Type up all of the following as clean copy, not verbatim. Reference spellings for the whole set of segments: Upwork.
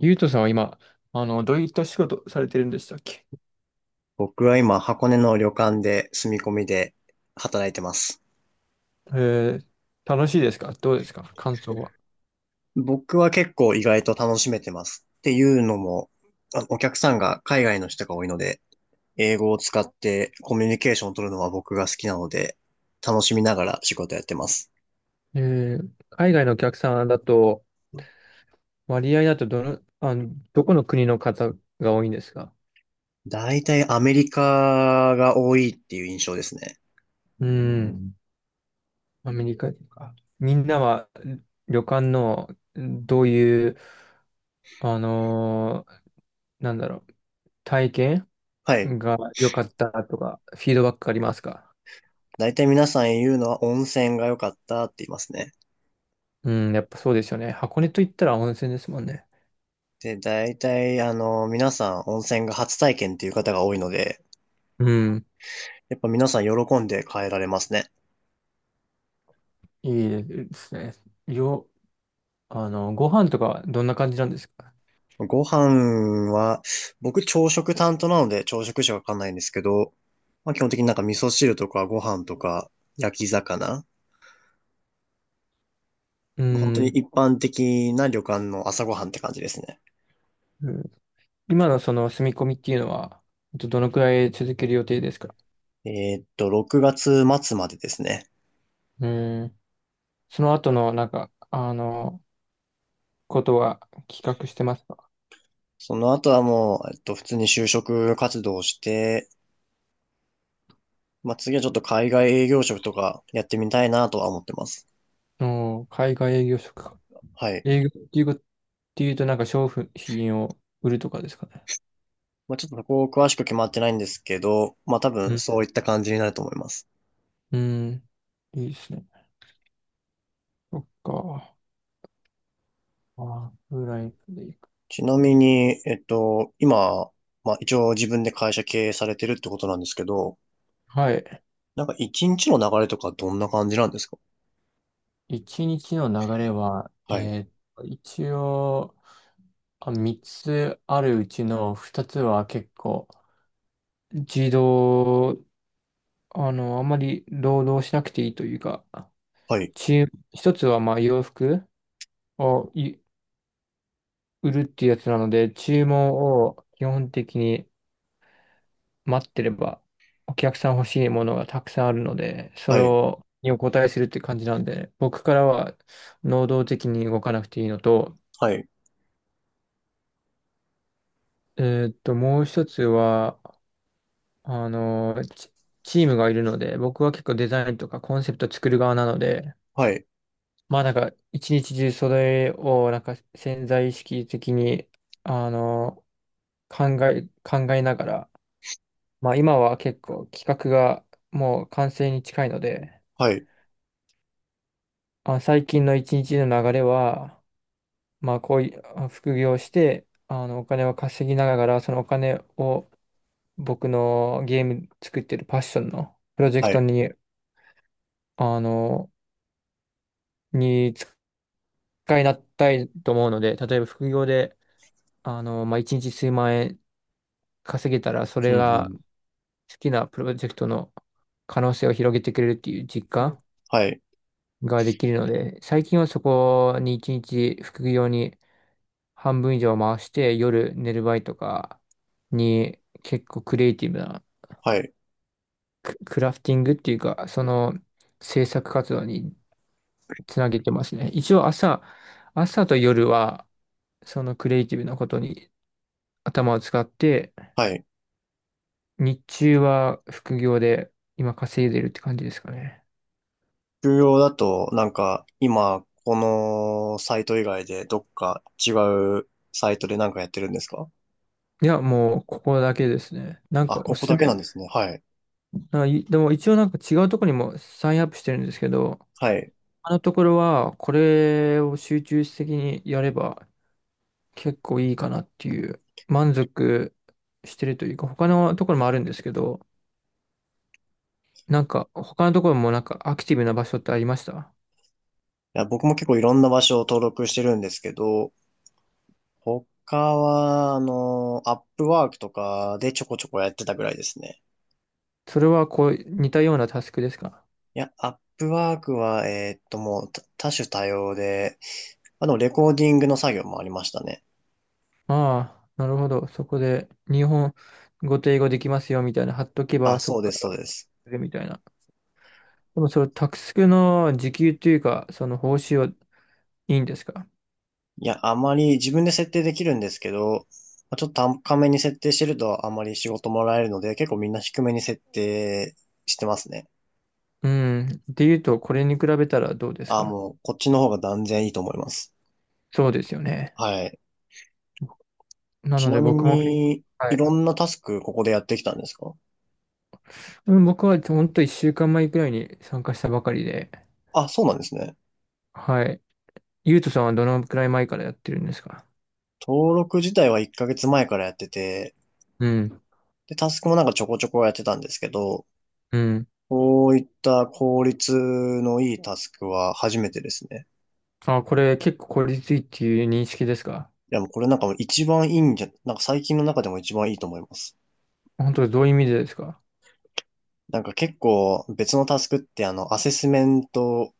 ゆうとさんは今、どういった仕事されてるんでしたっけ？僕は今、箱根の旅館で住み込みで働いてます。えー、楽しいですか？どうですか？感想は。僕は結構意外と楽しめてます。っていうのも、お客さんが海外の人が多いので、英語を使ってコミュニケーションを取るのは僕が好きなので、楽しみながら仕事やってます。海外のお客さんだと、割合だとどこの国の方が多いんですか？大体アメリカが多いっていう印象ですね。うーん、アメリカとか。みんなは旅館のどういう、あのーなんだろう、体験はい。が良かったとか、フィードバックありますか？大体皆さん言うのは温泉が良かったって言いますね。うん、やっぱそうですよね。箱根といったら温泉ですもんね。で、大体皆さん温泉が初体験っていう方が多いので、うん。やっぱ皆さん喜んで変えられますね。いいですね。よ、あの、ご飯とかはどんな感じなんですか？ご飯は、僕朝食担当なので朝食しかわかんないんですけど、まあ、基本的になんか味噌汁とかご飯とか焼き魚。う本当にん。一般的な旅館の朝ごはんって感じですね。うん。今のその住み込みっていうのは、どのくらい続ける予定ですか？6月末までですね。うん。その後の、ことは企画してますか？その後はもう、普通に就職活動をして、まあ、次はちょっと海外営業職とかやってみたいなとは思ってます。うん。海外営業職か。はい。営業っていうこと、っていうと、なんか商品を売るとかですかね。まあ、ちょっとそこ詳しく決まってないんですけど、まあ、多う分ん。そういった感じになると思います。うん。いいですね。そっか。あフライトでいく。ちなみに、今、まあ一応自分で会社経営されてるってことなんですけど、はい。なんか一日の流れとかどんな感じなんですか？一日の流れは、はい、一応、三つあるうちの二つは結構、自動、あの、あまり労働しなくていいというか、はい、注一つはまあ洋服を売るっていうやつなので、注文を基本的に待ってれば、お客さん欲しいものがたくさんあるので、それはい、をにお答えするって感じなんで、僕からは能動的に動かなくていいのと、はい、えもう一つは、あのー、チ、チームがいるので、僕は結構デザインとかコンセプト作る側なので、はい、まあなんか一日中それをなんか潜在意識的に、あの考えながら、まあ今は結構企画がもう完成に近いので、はい、最近の一日の流れは、まあこういう副業をして、お金を稼ぎながら、そのお金を僕のゲーム作ってるパッションのプロジェクはトい、に、あの、に回なったいと思うので、例えば副業で、まあ、一日数万円稼げたら、そうれがん好きなプロジェクトの可能性を広げてくれるっていう実うん、感はい、ができるので、最近はそこに一日副業に半分以上回して、夜寝る前とかに結構クリエイティブなはい、クラフティングっていうか、その制作活動につなげてますね。一応朝と夜は、そのクリエイティブなことに頭を使って、はい。日中は副業で今稼いでるって感じですかね。重業だと、なんか今、このサイト以外でどっか違うサイトでなんかやってるんですか？いや、もうここだけですね。なんあ、かおここすすだけなめ。んですね。はい、なんかでも一応なんか違うところにもサインアップしてるんですけど、はい。いあのところはこれを集中的にやれば結構いいかなっていう満足してるというか、他のところもあるんですけど、なんか他のところもなんかアクティブな場所ってありました？や、僕も結構いろんな場所を登録してるんですけど、他は、あの、アップワークとかでちょこちょこやってたぐらいですね。それはこう似たようなタスクですか？いや、アップワークは、もう多種多様で、あの、レコーディングの作業もありましたね。ああ、なるほど。そこで、日本語と英語できますよ、みたいな、貼っとけあ、ば、そそこうでかす、そうら、です。でみたいな。でも、それ、タクスクの時給というか、その報酬はいいんですか？いや、あまり自分で設定できるんですけど、まあちょっと高めに設定してるとあまり仕事もらえるので、結構みんな低めに設定してますね。うん。っていうと、これに比べたらどうですあ、か？もうこっちの方が断然いいと思います。そうですよね。はい。なちのなで、み僕も、に、はいろい。んなタスクここでやってきたんですか？うん。僕は、本当と1週間前くらいに参加したばかりで、あ、そうなんですね。はい。ゆうとさんはどのくらい前からやってるんですか？登録自体は1ヶ月前からやってて、うん。で、タスクもなんかちょこちょこやってたんですけど、うん。こういった効率のいいタスクは初めてですね。これ、結構効率いいっていう認識ですか？いや、もうこれなんかもう一番いいんじゃ、なんか最近の中でも一番いいと思います。本当、どういう意味でですか？なんか結構別のタスクってあの、アセスメント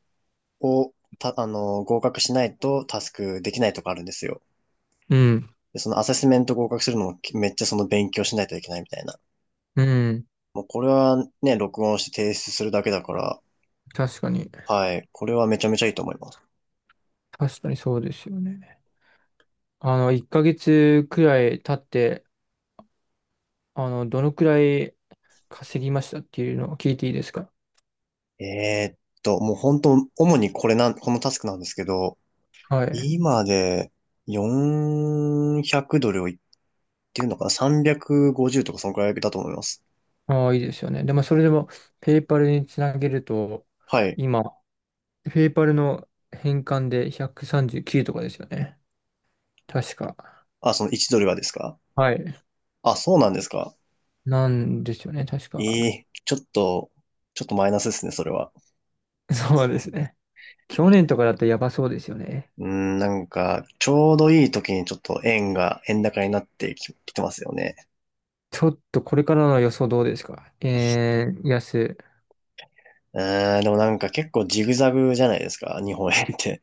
をた、あの、合格しないとタスクできないとかあるんですよ。うんで、そのアセスメント合格するのもめっちゃその勉強しないといけないみたいな。うん。もうこれはね、録音して提出するだけだから、確かに。はい、これはめちゃめちゃいいと思います。確かにそうですよね。1ヶ月くらい経って、どのくらい稼ぎましたっていうのを聞いていいですか？もう本当、主にこれなん、このタスクなんですけど、はい。今で400ドルを言ってるのかな？ 350 とかそのくらいだと思います。ああ、いいですよね。でも、それでも、ペイパルにつなげると、はい。今、ペイパルの返還で139とかですよね。確か。あ、その1ドルがですか？はい。あ、そうなんですか？なんですよね、確えか。えちょっとマイナスですね、それは。そうですね。去年とかだったらやばそうですよね。うーん、なんか、ちょうどいい時にちょっと円高になってきてますよね。ちょっとこれからの予想どうですか？安。うーん、でもなんか結構ジグザグじゃないですか、日本円って。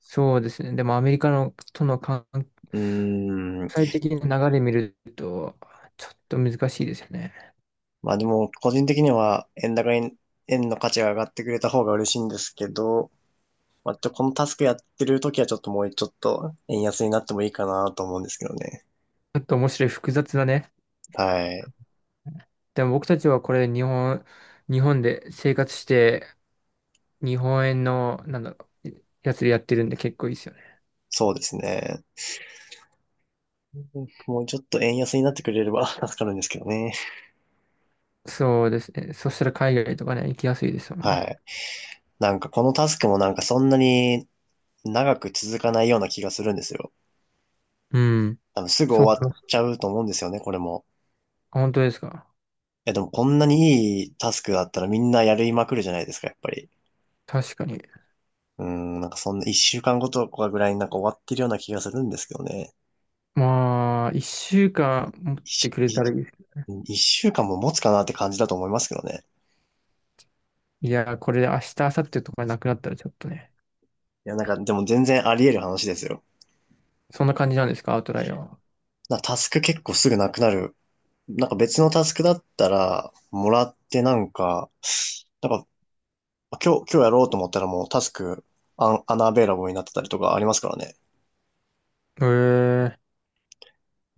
そうですね。でもアメリカのとの関うーん、国際的な流れ見ると、ちょっと難しいですよね。まあでも、個人的には円高に、円の価値が上がってくれた方が嬉しいんですけど、まあ、このタスクやってる時はちょっともうちょっと円安になってもいいかなと思うんですけどね。ちょっと面白い複雑だね。はい。でも僕たちはこれ日本で生活して、日本円の、なんだろう、やつでやってるんで結構いいですよね。そうですね。もうちょっと円安になってくれれば 助かるんですけどね。そうですね。そしたら海外とかね、行きやすいですもんはね。い。なんかこのタスクもなんかそんなに長く続かないような気がするんですよ。うん。あの、すぐそう終思いわっまちす。ゃうと思うんですよね、これも。本当ですか？え、でもこんなにいいタスクだったらみんなやりまくるじゃないですか、やっぱり。確かに。うん、なんかそんな一週間ごとかぐらいになんか終わってるような気がするんですけどね。まあ、一週間持って一くれいたらいいです。一週間も持つかなって感じだと思いますけどね。いや、これで明日、明後日とかなくなったらちょっとね。いや、なんかでも全然あり得る話ですよ。そんな感じなんですか、アウトライアーは。タスク結構すぐなくなる。なんか別のタスクだったら、もらってなんか、なんか今日やろうと思ったらもうタスクアナベイラボになってたりとかありますからね。へえ。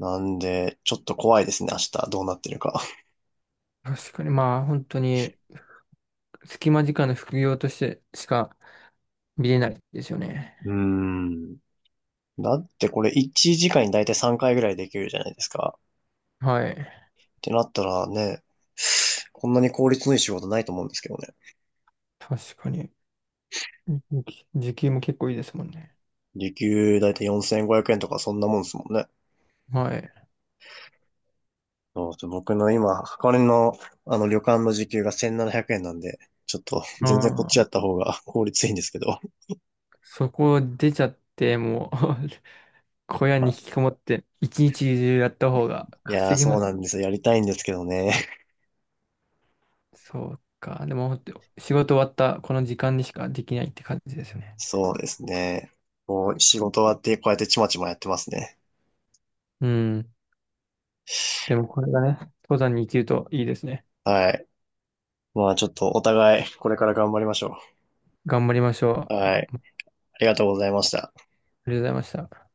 なんで、ちょっと怖いですね、明日どうなってるか。確かに、まあ、本当に、隙間時間の副業としてしか見れないですよね。うーん。だってこれ1時間にだいたい3回ぐらいできるじゃないですか。はい。ってなったらね、こんなに効率のいい仕事ないと思うんですけどね。確かに。時給も結構いいですもんね。時給だいたい4500円とかそんなもんですもんね。はい。そうそう僕の今、箱根のあの旅館の時給が1700円ななひゃくえんなんで、ちょっと 全然こっちあやあ、った方が 効率いいんですけど。そこ出ちゃって、もう 小屋まに引あ、きこもって、一日中やった方がいやー稼ぎそまうす。なんですよ。やりたいんですけどね。そうか。でも、本当仕事終わったこの時間にしかできないって感じですよね。そうですね。こう、仕事終わってこうやってちまちまやってますね。うん。でも、これがね、登山に生きるといいですね。はい。まあちょっとお互いこれから頑張りましょ頑張りましょう。う。はい。ありがとうございました。りがとうございました。